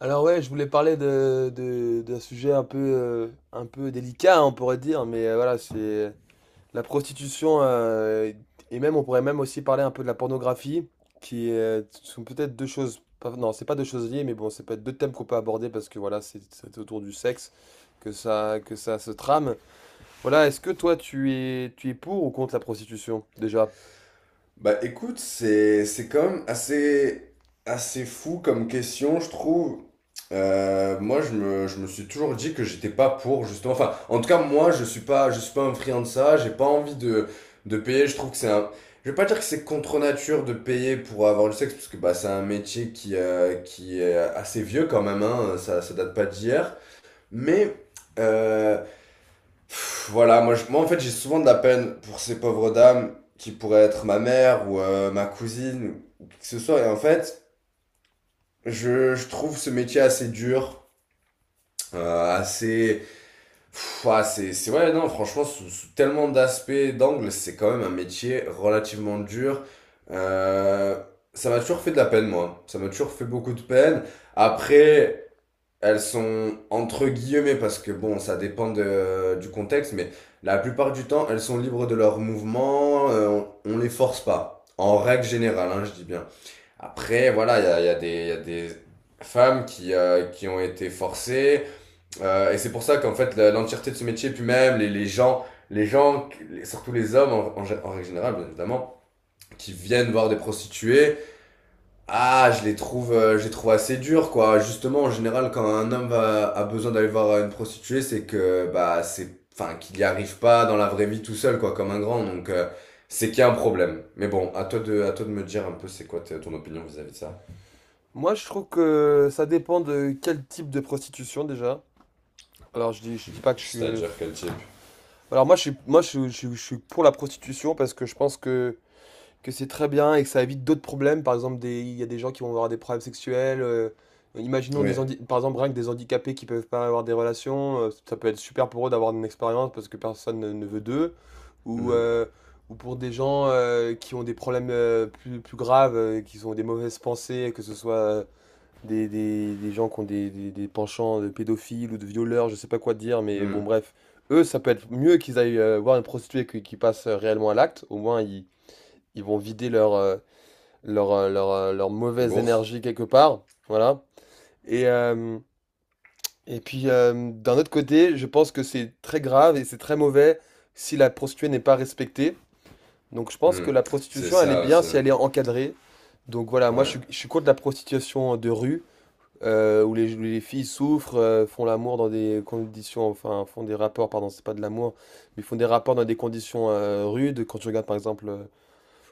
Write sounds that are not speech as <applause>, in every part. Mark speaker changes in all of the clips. Speaker 1: Alors ouais, je voulais parler d'un sujet un peu délicat, hein, on pourrait dire, mais voilà, c'est la prostitution, et même on pourrait même aussi parler un peu de la pornographie, qui sont peut-être deux choses, non, c'est pas deux choses liées, mais bon, c'est peut-être deux thèmes qu'on peut aborder parce que voilà, c'est autour du sexe que ça se trame. Voilà, est-ce que toi tu es pour ou contre la prostitution, déjà?
Speaker 2: Bah écoute, c'est quand même assez assez fou comme question, je trouve. Moi, je me suis toujours dit que j'étais pas pour justement. Enfin, en tout cas, moi, je suis pas un friand de ça. J'ai pas envie de payer. Je trouve que c'est un. Je vais pas dire que c'est contre nature de payer pour avoir du sexe parce que bah c'est un métier qui est assez vieux quand même. Hein, ça date pas d'hier. Mais euh, Voilà, moi, moi en fait j'ai souvent de la peine pour ces pauvres dames qui pourraient être ma mère ou ma cousine ou qui que ce soit. Et en fait, je trouve ce métier assez dur, assez. Ah, c'est ouais, non, franchement, sous tellement d'aspects, d'angles, c'est quand même un métier relativement dur. Euh, ça m'a toujours fait de la peine, moi. Ça m'a toujours fait beaucoup de peine. Après. Elles sont entre guillemets parce que bon, ça dépend du contexte, mais la plupart du temps, elles sont libres de leurs mouvements, on les force pas. En règle générale, hein, je dis bien. Après, voilà, il y a des, il y a des femmes qui ont été forcées, et c'est pour ça qu'en fait, l'entièreté de ce métier, puis même les gens, surtout les hommes en règle générale, bien évidemment, qui viennent voir des prostituées, ah, je les trouve assez durs, quoi. Justement, en général, quand un homme a besoin d'aller voir une prostituée, c'est que, bah, c'est, enfin, qu'il n'y arrive pas dans la vraie vie tout seul, quoi, comme un grand. Donc, c'est qu'il y a un problème. Mais bon, à toi de me dire un peu c'est quoi ton opinion vis-à-vis de ça.
Speaker 1: Moi, je trouve que ça dépend de quel type de prostitution déjà. Alors, je dis pas que je suis.
Speaker 2: C'est-à-dire quel type.
Speaker 1: Alors moi je suis pour la prostitution parce que je pense que c'est très bien et que ça évite d'autres problèmes. Par exemple, il y a des gens qui vont avoir des problèmes sexuels. Imaginons
Speaker 2: Oui.
Speaker 1: par exemple rien que des handicapés qui peuvent pas avoir des relations. Ça peut être super pour eux d'avoir une expérience parce que personne ne veut d'eux. Ou,
Speaker 2: Mm.
Speaker 1: euh, ou pour des gens qui ont des problèmes plus graves, qui ont des mauvaises pensées, que ce soit des gens qui ont des penchants de pédophiles ou de violeurs, je sais pas quoi te dire, mais bon,
Speaker 2: Mm.
Speaker 1: bref. Eux, ça peut être mieux qu'ils aillent voir une prostituée qui passe réellement à l'acte. Au moins, ils vont vider leur mauvaise
Speaker 2: Bourse.
Speaker 1: énergie quelque part. Voilà. Et, euh, et puis, d'un autre côté, je pense que c'est très grave et c'est très mauvais si la prostituée n'est pas respectée. Donc, je pense que
Speaker 2: Mm.
Speaker 1: la
Speaker 2: C'est
Speaker 1: prostitution, elle est
Speaker 2: ça,
Speaker 1: bien si
Speaker 2: c'est.
Speaker 1: elle est encadrée. Donc voilà, moi je
Speaker 2: Ouais.
Speaker 1: suis, je suis contre la prostitution de rue où les filles souffrent, font l'amour dans des conditions, enfin font des rapports, pardon, c'est pas de l'amour, mais font des rapports dans des conditions rudes. Quand tu regardes par exemple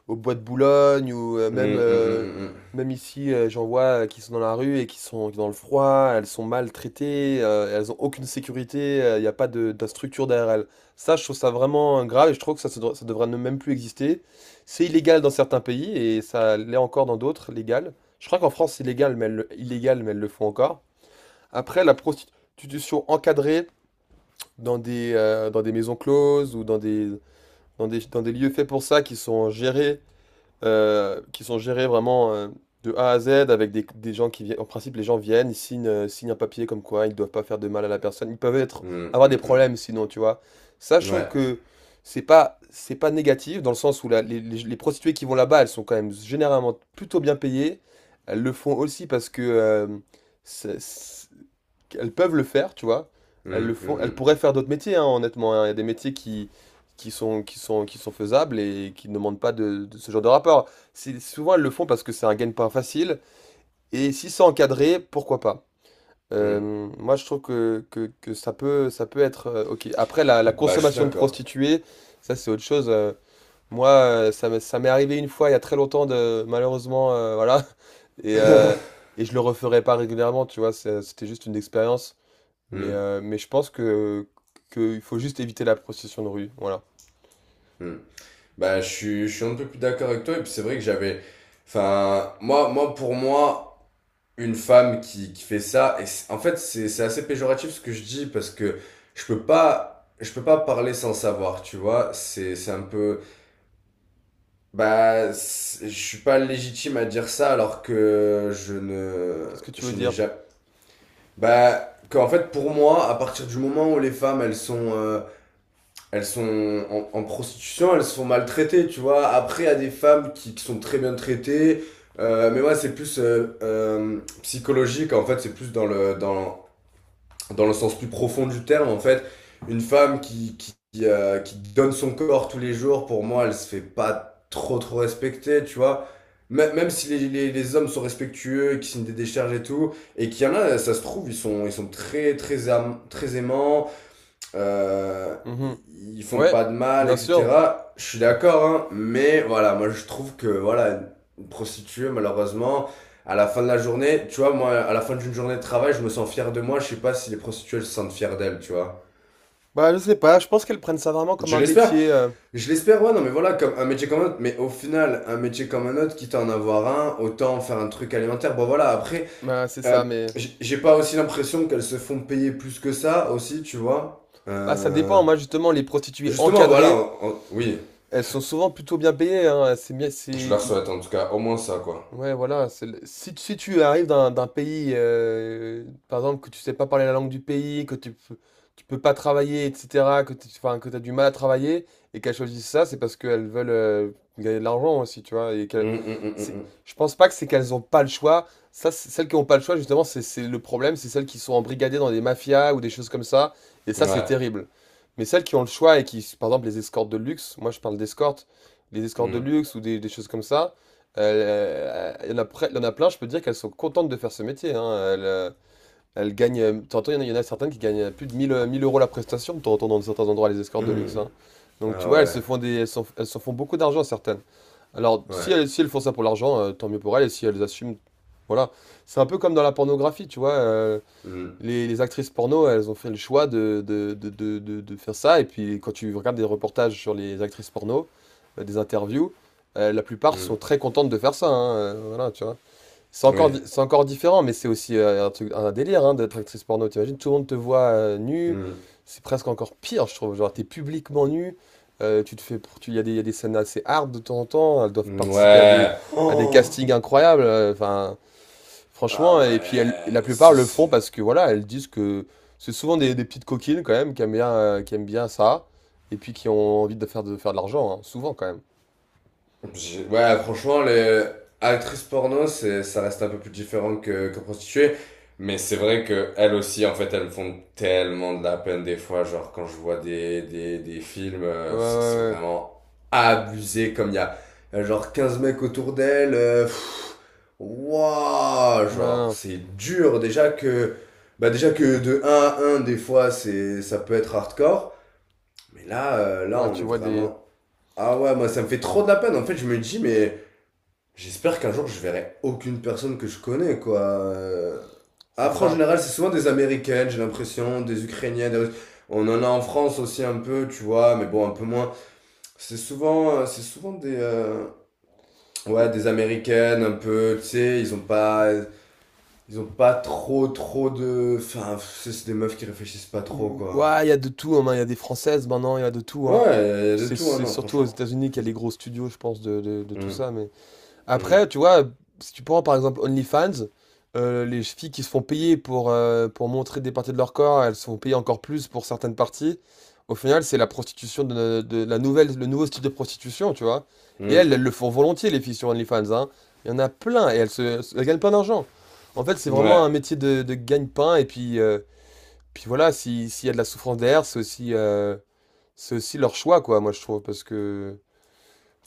Speaker 1: au Bois de Boulogne ou
Speaker 2: Mm, mm,
Speaker 1: même ici, j'en vois qui sont dans la rue et qui sont dans le froid, elles sont maltraitées, elles ont aucune sécurité, il n'y a pas de structure derrière elles. Ça, je trouve ça vraiment grave et je trouve que ça devrait ne même plus exister. C'est illégal dans certains pays et ça l'est encore dans d'autres, légal. Je crois qu'en France, c'est légal, mais illégal, mais elles le font encore. Après, la prostitution encadrée dans des maisons closes ou dans des lieux faits pour ça qui sont gérés vraiment, de A à Z avec des gens qui viennent. En principe, les gens viennent, ils signent un papier comme quoi ils ne doivent pas faire de mal à la personne. Ils peuvent être,
Speaker 2: mm, mm,
Speaker 1: avoir
Speaker 2: mm.
Speaker 1: des
Speaker 2: Mm,
Speaker 1: problèmes
Speaker 2: mm,
Speaker 1: sinon, tu vois. Ça, je
Speaker 2: mm.
Speaker 1: trouve
Speaker 2: Ouais.
Speaker 1: que c'est pas négatif dans le sens où les prostituées qui vont là-bas, elles sont quand même généralement plutôt bien payées. Elles le font aussi parce que c'est- c'est- elles peuvent le faire, tu vois. Elles
Speaker 2: Mm,
Speaker 1: le font. Elles
Speaker 2: mm,
Speaker 1: pourraient faire d'autres métiers, hein, honnêtement. Hein. Il y a des métiers qui sont faisables et qui ne demandent pas de ce genre de rapport. Souvent, elles le font parce que c'est un gagne-pain facile. Et si c'est encadré, pourquoi pas?
Speaker 2: mm, mm.
Speaker 1: Moi, je trouve que ça peut être OK. Après, la
Speaker 2: Bah, je suis
Speaker 1: consommation de
Speaker 2: d'accord.
Speaker 1: prostituées, ça, c'est autre chose. Moi, ça m'est arrivé une fois il y a très longtemps, malheureusement, voilà. <laughs> Et, euh, et je le referai pas régulièrement, tu vois. C'était juste une expérience. Mais,
Speaker 2: Mm,
Speaker 1: euh, mais je pense qu'il faut juste éviter la prostitution de rue. Voilà.
Speaker 2: mm. Bah, je suis un peu plus d'accord avec toi. Et puis, c'est vrai que j'avais. Enfin, moi, moi, pour moi, une femme qui fait ça. Et en fait, c'est assez péjoratif ce que je dis parce que je peux pas parler sans savoir, tu vois. C'est un peu. Bah, je suis pas légitime à dire ça alors que je ne.
Speaker 1: Qu'est-ce que tu veux
Speaker 2: Je n'ai
Speaker 1: dire?
Speaker 2: jamais. Bah, qu'en fait, pour moi, à partir du moment où les femmes, elles sont. Elles sont en prostitution, elles se font maltraiter, tu vois. Après, il y a des femmes qui sont très bien traitées. Mais moi, c'est plus psychologique, en fait, c'est plus dans le sens plus profond du terme, en fait. Une femme qui donne son corps tous les jours, pour moi, elle se fait pas trop, trop respecter, tu vois. Même si les hommes sont respectueux, qui signent des décharges et tout, et qu'il y en a, ça se trouve, ils sont très, très, très aimants, euh,
Speaker 1: Mhm.
Speaker 2: ils font
Speaker 1: Ouais,
Speaker 2: pas de mal,
Speaker 1: bien sûr.
Speaker 2: etc. Je suis d'accord, hein, mais voilà, moi je trouve que voilà, une prostituée, malheureusement, à la fin de la journée, tu vois, moi, à la fin d'une journée de travail, je me sens fier de moi. Je sais pas si les prostituées elles se sentent fiers d'elles, tu vois.
Speaker 1: Bah, je sais pas, je pense qu'elles prennent ça vraiment comme
Speaker 2: Je
Speaker 1: un
Speaker 2: l'espère.
Speaker 1: métier.
Speaker 2: Je l'espère, ouais, non, mais voilà, comme un métier comme un autre. Mais au final, un métier comme un autre, quitte à en avoir un, autant faire un truc alimentaire. Bon, voilà, après,
Speaker 1: Bah, c'est
Speaker 2: euh,
Speaker 1: ça, mais.
Speaker 2: j'ai pas aussi l'impression qu'elles se font payer plus que ça, aussi, tu vois.
Speaker 1: Bah, ça dépend.
Speaker 2: Euh,
Speaker 1: Moi, justement, les prostituées
Speaker 2: Justement, voilà,
Speaker 1: encadrées,
Speaker 2: oui.
Speaker 1: elles sont souvent plutôt bien payées. Hein. C'est bien,
Speaker 2: Je
Speaker 1: c'est.
Speaker 2: leur souhaite en tout cas au moins ça, quoi.
Speaker 1: Ouais, voilà. Si tu arrives d'un pays, par exemple, que tu sais pas parler la langue du pays, tu peux pas travailler, etc., enfin, que t'as du mal à travailler, et qu'elles choisissent ça, c'est parce qu'elles veulent gagner de l'argent aussi, tu vois.
Speaker 2: Hum, hum, hum,
Speaker 1: C'est,
Speaker 2: hum,
Speaker 1: je pense pas que c'est qu'elles ont pas le choix. Ça, celles qui ont pas le choix, justement, c'est le problème, c'est celles qui sont embrigadées dans des mafias ou des choses comme ça. Et ça, c'est
Speaker 2: Ouais.
Speaker 1: terrible. Mais celles qui ont le choix et qui, par exemple, les escortes de luxe, moi je parle d'escortes, les escortes de
Speaker 2: Hum.
Speaker 1: luxe ou des choses comme ça. Il y en a plein, je peux dire qu'elles sont contentes de faire ce métier. Hein. Elles, euh, elles gagnent. T'entends, il y en a certaines qui gagnent plus de 1000 1000 euros la prestation. T'entends dans certains endroits les escortes de luxe.
Speaker 2: Hum.
Speaker 1: Hein. Donc tu
Speaker 2: Ah
Speaker 1: vois, elles se
Speaker 2: ouais.
Speaker 1: font des, elles s'en font beaucoup d'argent certaines. Alors si
Speaker 2: Ouais.
Speaker 1: elles, si elles font ça pour l'argent, tant mieux pour elles. Et si elles assument, voilà. C'est un peu comme dans la pornographie, tu vois. euh,
Speaker 2: Hum,
Speaker 1: les, les actrices porno, elles ont fait le choix de faire ça. Et puis, quand tu regardes des reportages sur les actrices porno, des interviews, la plupart sont
Speaker 2: hum.
Speaker 1: très contentes de faire ça. Hein, voilà, tu vois. C'est encore,
Speaker 2: Oui.
Speaker 1: di- c'est encore différent, mais c'est aussi un truc, un délire, hein, d'être actrice porno. T'imagines, tout le monde te voit nue.
Speaker 2: Hum.
Speaker 1: C'est presque encore pire, je trouve. Genre, t'es publiquement nue. Tu te fais, pr- tu, Il y a des scènes assez hard de temps en temps. Elles doivent participer à des,
Speaker 2: Ouais.
Speaker 1: à des
Speaker 2: Oh.
Speaker 1: castings incroyables. Enfin,
Speaker 2: Ah
Speaker 1: franchement, et puis la
Speaker 2: ouais.
Speaker 1: plupart
Speaker 2: Ça
Speaker 1: le font
Speaker 2: c'est.
Speaker 1: parce que voilà, elles disent que c'est souvent des petites coquines quand même qui aiment bien ça. Et puis qui ont envie de faire de l'argent, hein, souvent quand même.
Speaker 2: Ouais, franchement, les actrices porno, c'est, ça reste un peu plus différent que prostituées. Mais c'est vrai que elles aussi, en fait, elles font tellement de la peine des fois. Genre, quand je vois des films,
Speaker 1: Ouais, ouais,
Speaker 2: c'est
Speaker 1: ouais.
Speaker 2: vraiment abusé. Comme il y a, genre 15 mecs autour d'elle waouh,
Speaker 1: Non,
Speaker 2: genre,
Speaker 1: non.
Speaker 2: c'est dur. Déjà que, bah, déjà que de un à 1, des fois, c'est, ça peut être hardcore. Mais là, là,
Speaker 1: Ouais,
Speaker 2: on
Speaker 1: tu
Speaker 2: est
Speaker 1: vois des.
Speaker 2: vraiment. Ah ouais, moi, ça me fait trop de la peine. En fait, je me dis, mais. J'espère qu'un jour je verrai aucune personne que je connais, quoi. Euh,
Speaker 1: C'est
Speaker 2: Après, en
Speaker 1: ça.
Speaker 2: général, c'est souvent des Américaines, j'ai l'impression, des Ukrainiennes, des Russes. On en a en France aussi un peu, tu vois, mais bon, un peu moins. C'est souvent des, ouais, des Américaines, un peu, tu sais, ils ont pas, trop, trop de, enfin, c'est des meufs qui réfléchissent pas trop,
Speaker 1: Mmh,
Speaker 2: quoi.
Speaker 1: ouais, il y a de tout, hein, il y a des françaises maintenant, il y a de tout,
Speaker 2: Ouais,
Speaker 1: hein.
Speaker 2: il y a de
Speaker 1: C'est
Speaker 2: tout, hein,
Speaker 1: c'est
Speaker 2: non,
Speaker 1: surtout aux
Speaker 2: franchement.
Speaker 1: États-Unis qu'il y a les gros studios, je pense, de tout
Speaker 2: Hum,
Speaker 1: ça. Mais
Speaker 2: hum,
Speaker 1: après, tu vois, si tu prends par exemple OnlyFans, les filles qui se font payer pour montrer des parties de leur corps, elles se font payer encore plus pour certaines parties. Au final, c'est la prostitution de la nouvelle, le nouveau style de prostitution, tu vois. Et
Speaker 2: hum.
Speaker 1: elles le font volontiers, les filles sur OnlyFans, hein. Il y en a plein et elles gagnent plein d'argent. En fait, c'est vraiment un
Speaker 2: Ouais,
Speaker 1: métier de gagne-pain et puis, voilà, s'il y a de la souffrance derrière, c'est aussi leur choix, quoi, moi je trouve. Parce que,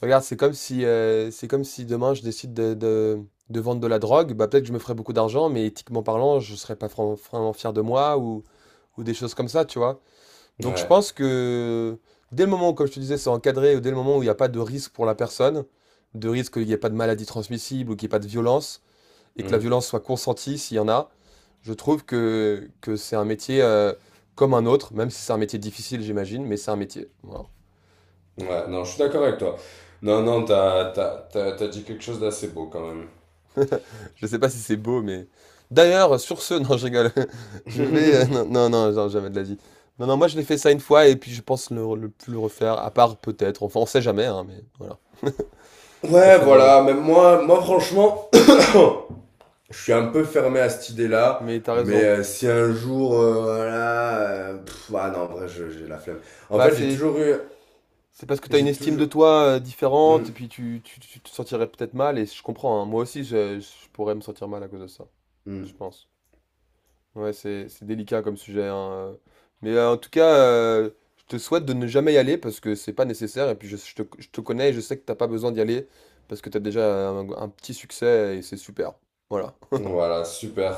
Speaker 1: regarde, c'est comme si demain je décide de vendre de la drogue, bah peut-être que je me ferais beaucoup d'argent, mais éthiquement parlant, je serais pas vraiment fier de moi ou des choses comme ça, tu vois. Donc je
Speaker 2: ouais.
Speaker 1: pense que dès le moment où, comme je te disais, c'est encadré, ou dès le moment où il n'y a pas de risque pour la personne, de risque qu'il n'y ait pas de maladie transmissible ou qu'il n'y ait pas de violence, et que la
Speaker 2: Hum.
Speaker 1: violence soit consentie s'il y en a, je trouve que c'est un métier comme un autre, même si c'est un métier difficile, j'imagine, mais c'est un métier. Voilà. Donc,
Speaker 2: Ouais,
Speaker 1: euh,
Speaker 2: non, je suis d'accord avec toi. Non, non, t'as dit quelque chose d'assez beau quand même.
Speaker 1: je sais pas si c'est beau, mais. D'ailleurs, sur ce, <laughs> non, je rigole. <laughs> Je vais.
Speaker 2: <laughs>
Speaker 1: Non, non, non, non, jamais de la vie. Non, non, moi, je l'ai fait ça une fois et puis je pense le plus le refaire, à part peut-être. Enfin, on sait jamais, hein, mais voilà. On
Speaker 2: Ouais,
Speaker 1: sait jamais.
Speaker 2: voilà, même moi, moi franchement, <coughs> <clears throat> je suis un peu fermé à cette idée-là,
Speaker 1: Mais t'as
Speaker 2: mais
Speaker 1: raison.
Speaker 2: si un jour, voilà, ah non, en vrai, j'ai la flemme. En
Speaker 1: Bah,
Speaker 2: fait, j'ai
Speaker 1: c'est.
Speaker 2: toujours eu,
Speaker 1: C'est parce que t'as une
Speaker 2: j'ai
Speaker 1: estime
Speaker 2: toujours.
Speaker 1: de toi différente
Speaker 2: Hmm,
Speaker 1: et puis tu te sentirais peut-être mal et je comprends, hein. Moi aussi, je pourrais me sentir mal à cause de ça, je
Speaker 2: hmm.
Speaker 1: pense. Ouais, c'est délicat comme sujet, hein. Mais en tout cas, je te souhaite de ne jamais y aller parce que c'est pas nécessaire. Et puis je te connais et je sais que t'as pas besoin d'y aller parce que t'as déjà un petit succès et c'est super. Voilà. <laughs>
Speaker 2: Voilà, super.